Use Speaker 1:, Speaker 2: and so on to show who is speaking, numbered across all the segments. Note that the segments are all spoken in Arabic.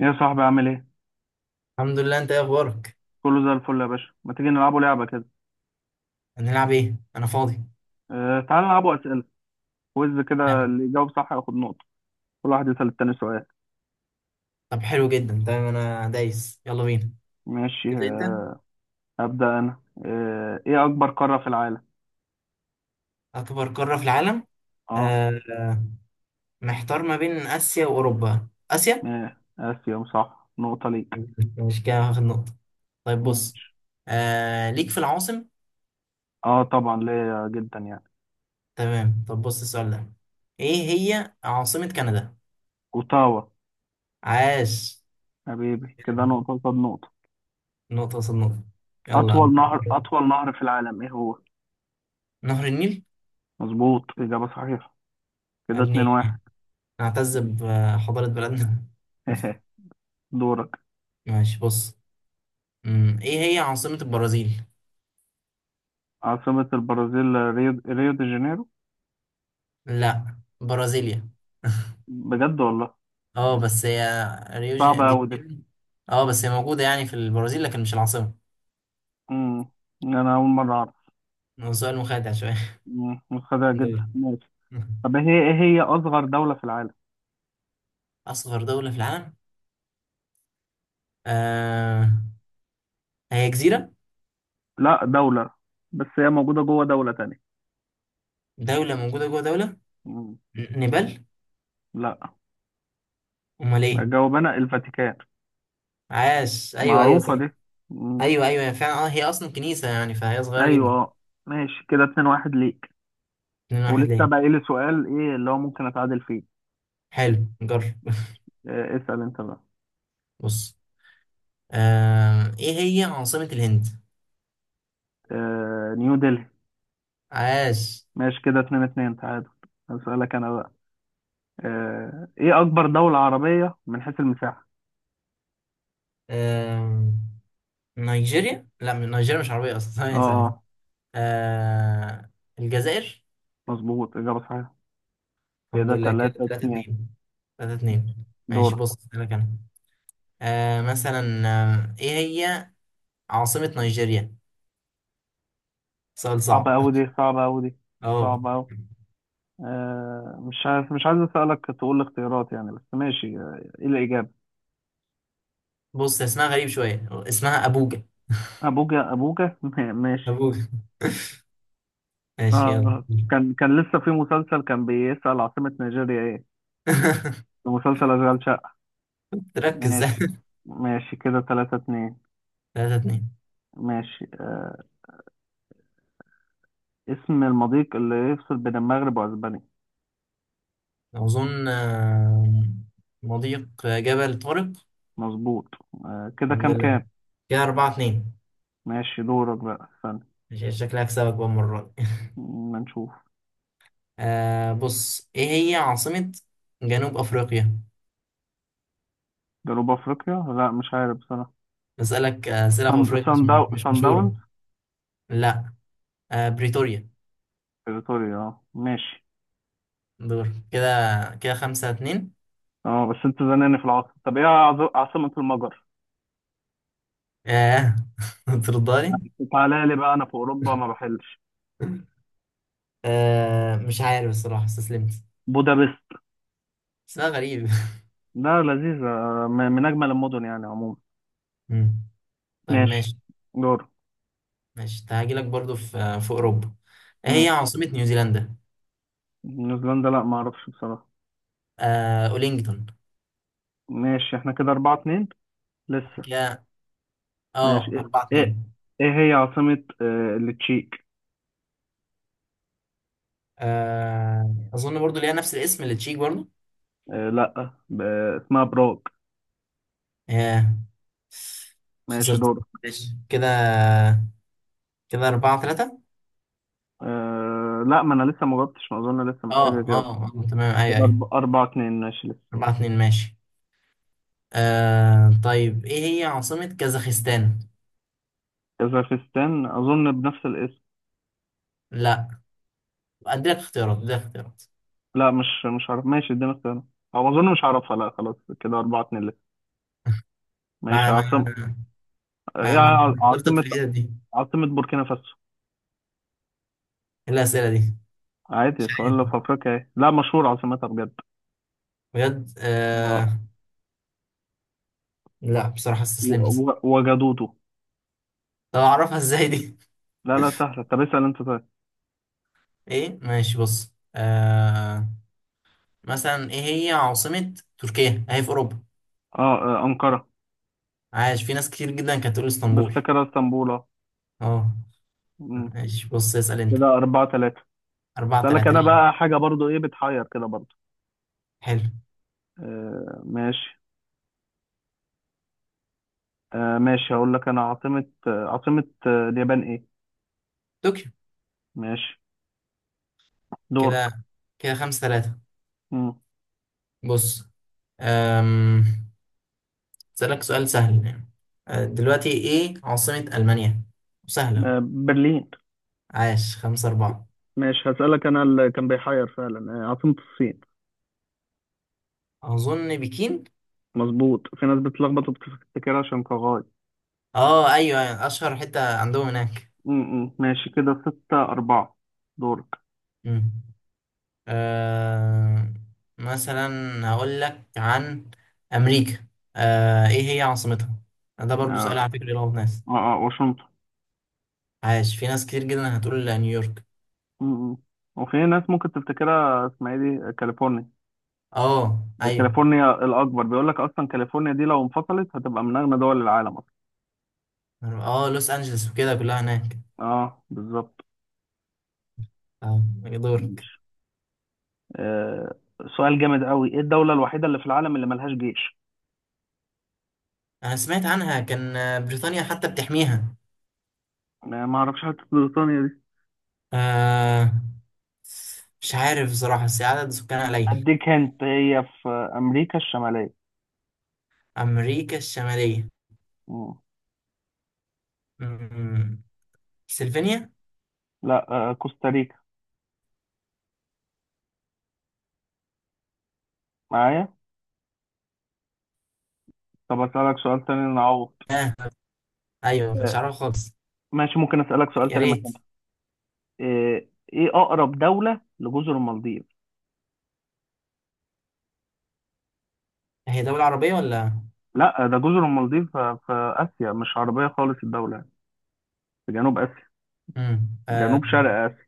Speaker 1: يا صاحبي عامل ايه؟
Speaker 2: الحمد لله. انت ايه اخبارك؟
Speaker 1: كله زي الفل يا باشا، ما تيجي نلعبوا لعبة كده.
Speaker 2: هنلعب ايه؟ انا فاضي.
Speaker 1: تعال نلعبوا أسئلة، كويز كده
Speaker 2: تمام.
Speaker 1: اللي يجاوب صح ياخد نقطة، كل واحد يسأل التاني سؤال.
Speaker 2: طب حلو جدا. تمام انا دايس، يلا بينا.
Speaker 1: ماشي
Speaker 2: تبدا انت.
Speaker 1: أبدأ أنا. ايه أكبر قارة في العالم؟
Speaker 2: اكبر قاره في العالم؟
Speaker 1: اه.
Speaker 2: آه آه، محتار ما بين اسيا واوروبا. اسيا.
Speaker 1: إيه آسيا صح، نقطة ليك.
Speaker 2: مش كده هاخد نقطه؟ طيب بص.
Speaker 1: ماشي.
Speaker 2: ليك في العواصم.
Speaker 1: اه طبعا ليا جدا يعني.
Speaker 2: تمام. طب بص السؤال ده. ايه هي عاصمه كندا؟
Speaker 1: أوتاوا.
Speaker 2: عاش.
Speaker 1: حبيبي كده نقطة قصاد نقطة.
Speaker 2: نقطه قصاد نقطه. يلا.
Speaker 1: أطول نهر في العالم ايه هو؟
Speaker 2: نهر النيل.
Speaker 1: مظبوط، إجابة صحيحة.
Speaker 2: يا
Speaker 1: كده اتنين
Speaker 2: ابني،
Speaker 1: واحد.
Speaker 2: نعتز بحضاره بلدنا.
Speaker 1: دورك.
Speaker 2: ماشي بص. ايه هي عاصمة البرازيل؟
Speaker 1: عاصمة البرازيل ريو دي جانيرو.
Speaker 2: لا، برازيليا.
Speaker 1: بجد والله.
Speaker 2: اه بس هي ريو دي
Speaker 1: صعبة أوي دي.
Speaker 2: جانيرو. اه بس هي موجودة يعني في البرازيل لكن مش العاصمة.
Speaker 1: مم. أنا أول مرة أعرف.
Speaker 2: هو سؤال مخادع شوية.
Speaker 1: مم. متخدعة جدا
Speaker 2: دول.
Speaker 1: ماشي. طب هي إيه هي أصغر دولة في العالم؟
Speaker 2: أصغر دولة في العالم. آه هي جزيرة.
Speaker 1: لا دولة، بس هي موجودة جوه دولة تانية.
Speaker 2: دولة موجودة جوه دولة.
Speaker 1: مم.
Speaker 2: نيبال.
Speaker 1: لا.
Speaker 2: أمال إيه؟
Speaker 1: أجاوب أنا، الفاتيكان.
Speaker 2: عاش، أيوه أيوه صح.
Speaker 1: معروفة دي. مم.
Speaker 2: أيوه أيوه، هي فعلا اه هي أصلا كنيسة يعني فهي صغيرة
Speaker 1: أيوة
Speaker 2: جدا.
Speaker 1: أه. ماشي كده اتنين واحد ليك.
Speaker 2: اتنين واحد
Speaker 1: ولسه
Speaker 2: ليه؟
Speaker 1: باقي لي سؤال إيه اللي هو ممكن أتعادل فيه.
Speaker 2: حلو جرب.
Speaker 1: اسأل أنت بقى.
Speaker 2: بص. إيه هي عاصمة الهند؟
Speaker 1: نيو دلهي.
Speaker 2: عاش.
Speaker 1: ماشي كده اتنين اتنين تعادل. هسألك أنا بقى. إيه أكبر دولة عربية من حيث المساحة؟
Speaker 2: آم، نيجيريا، لا، من نيجيريا مش عربية أصلا.
Speaker 1: أه
Speaker 2: ثانية ثانية.
Speaker 1: آه.
Speaker 2: آه، الجزائر.
Speaker 1: مظبوط إجابة صحيحة.
Speaker 2: الحمد
Speaker 1: كده
Speaker 2: لله. كده
Speaker 1: تلاتة
Speaker 2: 3
Speaker 1: اتنين.
Speaker 2: 2 3-2. ماشي
Speaker 1: دورة.
Speaker 2: بص، أسألك أنا. مثلا. إيه هي عاصمة نيجيريا؟ سؤال
Speaker 1: صعبة
Speaker 2: صعب.
Speaker 1: أوي دي صعبة أوي دي
Speaker 2: أه.
Speaker 1: صعبة أوي. مش عارف، مش عايز أسألك تقول الاختيارات يعني، بس ماشي إيه الإجابة.
Speaker 2: بص، اسمها غريب شوية، اسمها أبوجا.
Speaker 1: أبوجا أبوجا ماشي.
Speaker 2: أبوجا.
Speaker 1: آه
Speaker 2: ماشي، يلا.
Speaker 1: آه. كان لسه في مسلسل كان بيسأل عاصمة نيجيريا إيه، في مسلسل أشغال شقة.
Speaker 2: تركز.
Speaker 1: ماشي. ماشي كده تلاتة اتنين.
Speaker 2: 3-2.
Speaker 1: ماشي اسم المضيق اللي يفصل بين المغرب وأسبانيا.
Speaker 2: أظن، مضيق جبل طارق.
Speaker 1: مظبوط. كده
Speaker 2: الحمد
Speaker 1: كام
Speaker 2: لله.
Speaker 1: كام.
Speaker 2: كده 4-2.
Speaker 1: ماشي دورك بقى استنى.
Speaker 2: مش شكلها هكسبك بقى المرة دي.
Speaker 1: ما نشوف.
Speaker 2: بص، ايه هي عاصمة جنوب افريقيا؟
Speaker 1: جنوب افريقيا، لا مش عارف بصراحه.
Speaker 2: بسألك أسئلة في افريقيا مش مش
Speaker 1: سان داونز.
Speaker 2: مشهورة. لا، بريتوريا.
Speaker 1: بريتوريا اه ماشي.
Speaker 2: دور كده. كده خمسة اتنين.
Speaker 1: اه بس انت زناني في العاصمه. طب ايه عاصمه المجر.
Speaker 2: اه. ترضاني؟
Speaker 1: تعالى لي بقى انا في اوروبا ما بحلش.
Speaker 2: مش عارف الصراحة، استسلمت.
Speaker 1: بودابست.
Speaker 2: اسمها غريب.
Speaker 1: لا لذيذه. من اجمل المدن يعني عموما.
Speaker 2: مم. طيب،
Speaker 1: ماشي
Speaker 2: ماشي.
Speaker 1: دور.
Speaker 2: ماشي، هاجيلك برضو في أوروبا. إيه هي
Speaker 1: مم.
Speaker 2: عاصمة نيوزيلندا؟
Speaker 1: نيوزيلندا، لا ما اعرفش بصراحه.
Speaker 2: أولينجتون.
Speaker 1: ماشي احنا كده أربعة اتنين لسه.
Speaker 2: كده
Speaker 1: ماشي
Speaker 2: اه
Speaker 1: ايه
Speaker 2: أربعة
Speaker 1: ايه,
Speaker 2: اتنين.
Speaker 1: إيه هي عاصمه التشيك.
Speaker 2: أظن برضو ليها نفس الاسم اللي تشيك برضو.
Speaker 1: آه لا ب- اسمها براغ.
Speaker 2: ياه،
Speaker 1: ماشي
Speaker 2: خسرت.
Speaker 1: دور.
Speaker 2: ماشي كده. كده أربعة ثلاثة.
Speaker 1: لا ما انا لسه ما جاوبتش، ما اظن لسه محتاج
Speaker 2: اه
Speaker 1: اجاوب.
Speaker 2: اه، تمام أيوة
Speaker 1: كده
Speaker 2: أيوة.
Speaker 1: أربعة اتنين ماشي لسه.
Speaker 2: أربعة اتنين ماشي. طيب، إيه هي عاصمة كازاخستان؟
Speaker 1: كازاخستان اظن بنفس الاسم.
Speaker 2: لا، أديلك اختيارات، أديلك اختيارات.
Speaker 1: لا، مش عارف ماشي اديني اختيارات. او اظن مش عارفها، لا خلاص كده أربعة اتنين لسه. ماشي
Speaker 2: ما ما
Speaker 1: عاصم. يعني
Speaker 2: ما اخترتك
Speaker 1: عاصمة
Speaker 2: في الحتة دي إيه؟
Speaker 1: عاصمة بوركينا فاسو.
Speaker 2: الأسئلة دي. مش
Speaker 1: عادي، سؤال في
Speaker 2: عارف
Speaker 1: افريقيا ايه، لا مشهور عاصمتها بجد.
Speaker 2: بجد.
Speaker 1: آه،
Speaker 2: لا، بصراحة استسلمت.
Speaker 1: وجدوده.
Speaker 2: طب أعرفها إزاي دي؟
Speaker 1: لا لا سهلة، طب اسأل انت طيب.
Speaker 2: إيه، ماشي بص. مثلا، إيه هي عاصمة تركيا؟ أهي في أوروبا.
Speaker 1: اه أنقرة.
Speaker 2: عايش، في ناس كتير جدا كانت تقول اسطنبول.
Speaker 1: بفتكرها اسطنبول اه.
Speaker 2: اه،
Speaker 1: مم.
Speaker 2: ماشي بص، اسأل انت.
Speaker 1: كده أربعة تلاتة.
Speaker 2: أربعة
Speaker 1: اسألك
Speaker 2: تلاتة
Speaker 1: انا بقى
Speaker 2: ليه؟
Speaker 1: حاجة برضو ايه بتحير كده برضو.
Speaker 2: حلو.
Speaker 1: آه ماشي. ماشي هقول لك انا عاصمة اليابان ايه.
Speaker 2: طوكيو.
Speaker 1: ماشي دورك.
Speaker 2: كده كده خمسة تلاتة.
Speaker 1: مم.
Speaker 2: بص. أم... اسألك سؤال سهل يعني. دلوقتي، ايه عاصمة ألمانيا؟ سهلة.
Speaker 1: برلين.
Speaker 2: عاش. خمسة أربعة.
Speaker 1: ماشي هسألك انا اللي كان بيحير فعلا عاصمة الصين.
Speaker 2: أظن بكين.
Speaker 1: مظبوط، في ناس بتلخبط وبتفتكرها شنغهاي.
Speaker 2: اه، أيوة أيوة، أشهر حتة عندهم هناك.
Speaker 1: مم، مم. ماشي كده ستة أربعة. دورك.
Speaker 2: مم. أه... مثلا، هقول لك عن أمريكا. ايه هي عاصمتها؟ ده برضو سؤال
Speaker 1: اه
Speaker 2: على فكرة يلخبط ناس.
Speaker 1: اه واشنطن.
Speaker 2: عاش. في ناس كتير جدا هتقول نيويورك.
Speaker 1: مم، مم. وفي ناس ممكن تفتكرها اسمها ايه، دي كاليفورنيا.
Speaker 2: اه،
Speaker 1: دي
Speaker 2: ايوه.
Speaker 1: كاليفورنيا الأكبر، بيقول لك أصلا كاليفورنيا دي لو انفصلت هتبقى من أغنى دول العالم أصلا.
Speaker 2: اه، لوس انجلوس وكده كلها هناك.
Speaker 1: اه بالظبط.
Speaker 2: اه، يدورك.
Speaker 1: آه، سؤال جامد قوي، ايه الدولة الوحيدة اللي في العالم اللي ملهاش جيش.
Speaker 2: انا سمعت عنها، كان بريطانيا حتى بتحميها.
Speaker 1: ما اعرفش، حتى بريطانيا دي.
Speaker 2: آه مش عارف بصراحة، بس عدد سكانها قليل.
Speaker 1: اديك هنت، هي في امريكا الشمالية.
Speaker 2: امريكا الشمالية.
Speaker 1: مم.
Speaker 2: مم. سلفينيا.
Speaker 1: لا كوستاريكا، معايا. طب اسألك سؤال تاني نعوض.
Speaker 2: اه، ايوه، ما كنتش
Speaker 1: آه،
Speaker 2: عارفها خالص.
Speaker 1: ماشي ممكن اسألك سؤال
Speaker 2: يا
Speaker 1: تاني
Speaker 2: ريت.
Speaker 1: مكانها. آه، ايه اقرب دولة لجزر المالديف.
Speaker 2: هي دولة عربية ولا؟
Speaker 1: لا، ده جزر المالديف في اسيا، مش عربية خالص الدولة يعني. في جنوب اسيا،
Speaker 2: مم.
Speaker 1: جنوب شرق اسيا.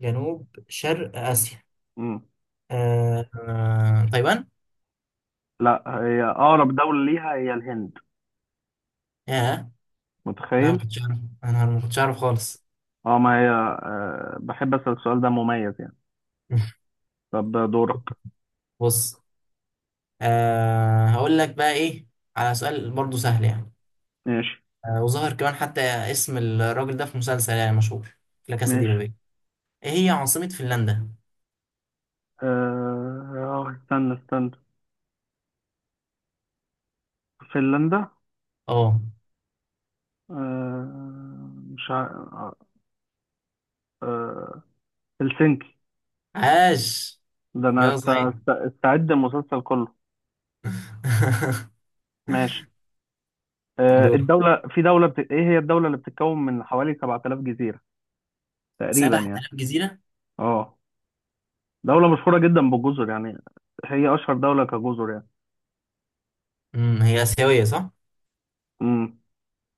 Speaker 2: جنوب شرق اسيا.
Speaker 1: مم.
Speaker 2: تايوان.
Speaker 1: لا، هي اقرب دولة ليها هي الهند.
Speaker 2: ياه. لا، ما
Speaker 1: متخيل.
Speaker 2: كنتش عارف. انا ما كنتش عارف خالص.
Speaker 1: اه ما هي، أه بحب أسأل السؤال ده مميز يعني. طب دورك.
Speaker 2: بص. هقول لك بقى ايه، على سؤال برضو سهل يعني.
Speaker 1: ماشي.
Speaker 2: وظهر كمان حتى اسم الراجل ده في مسلسل يعني مشهور. لا كاسا دي
Speaker 1: ماشي
Speaker 2: بابيل. ايه هي عاصمة فنلندا؟
Speaker 1: اه استنى استنى فنلندا.
Speaker 2: اه،
Speaker 1: آه مش ع... آه آه، هلسنكي.
Speaker 2: عاش.
Speaker 1: ده انا
Speaker 2: جا صحيح.
Speaker 1: استعد المسلسل كله. ماشي. آه
Speaker 2: دور.
Speaker 1: الدولة في دولة بت... ايه هي الدولة اللي بتتكون من حوالي 7000 جزيرة تقريبا يعني.
Speaker 2: 7000 جزيرة.
Speaker 1: اه دولة مشهورة جدا بالجزر يعني. هي اشهر دولة كجزر يعني.
Speaker 2: هي آسيوية صح؟
Speaker 1: امم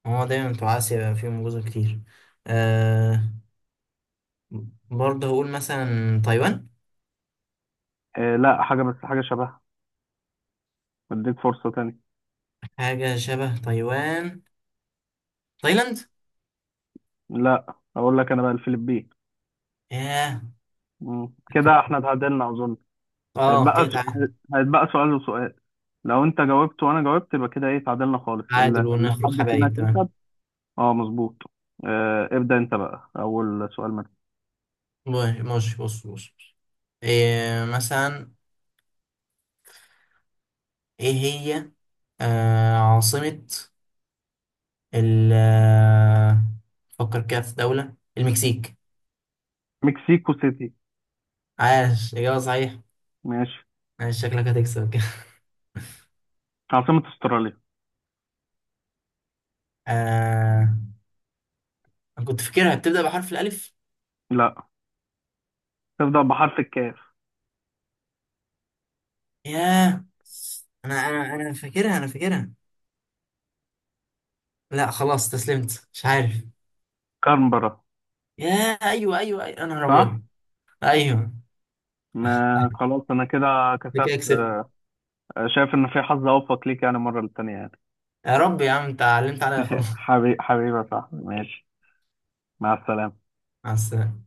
Speaker 2: هو دايما بتوع آسيا بيبقى فيهم جزر كتير. أه برضه هقول مثلا تايوان.
Speaker 1: لا حاجة، بس حاجة شبهها. اديك فرصة تانية.
Speaker 2: حاجة شبه تايوان. تايلاند.
Speaker 1: لا اقول لك انا بقى، الفلبين.
Speaker 2: ياه.
Speaker 1: مم. كده احنا اتعادلنا اظن.
Speaker 2: اه،
Speaker 1: هيتبقى
Speaker 2: كده
Speaker 1: س... هيتبقى سؤال وسؤال، لو انت جاوبت وانا جاوبت يبقى كده ايه اتعادلنا خالص،
Speaker 2: تعادل
Speaker 1: لو
Speaker 2: ونخرج
Speaker 1: حد فينا
Speaker 2: حبايب، تمام.
Speaker 1: كسب. اه مظبوط. ابدأ انت بقى، اول سؤال منك.
Speaker 2: ماشي ماشي، بص بص بص. إيه، مثلا. ايه هي عاصمة ال آه، فكر كده في دولة المكسيك.
Speaker 1: مكسيكو سيتي.
Speaker 2: عاش، إجابة صحيح.
Speaker 1: ماشي.
Speaker 2: عاش، شكلك هتكسب كده.
Speaker 1: عاصمة استراليا.
Speaker 2: آه أنا كنت فاكرها بتبدأ بحرف الألف.
Speaker 1: لا، تبدأ بحرف الكاف.
Speaker 2: ياه، أنا فاكرها. لا، خلاص استسلمت، مش عارف.
Speaker 1: كانبرا.
Speaker 2: ياه، أيوه أيوه أيوه، أنا
Speaker 1: صح.
Speaker 2: أبيض. أيوه.
Speaker 1: ما خلاص انا كده
Speaker 2: ده
Speaker 1: كسبت.
Speaker 2: كده كسبت.
Speaker 1: شايف ان في حظ اوفق ليك يعني المرة التانية يعني.
Speaker 2: يا رب يا عم، أنت علمت عليا خلاص.
Speaker 1: حبيبي حبيبي صح ماشي. مع السلامة.
Speaker 2: مع السلامة.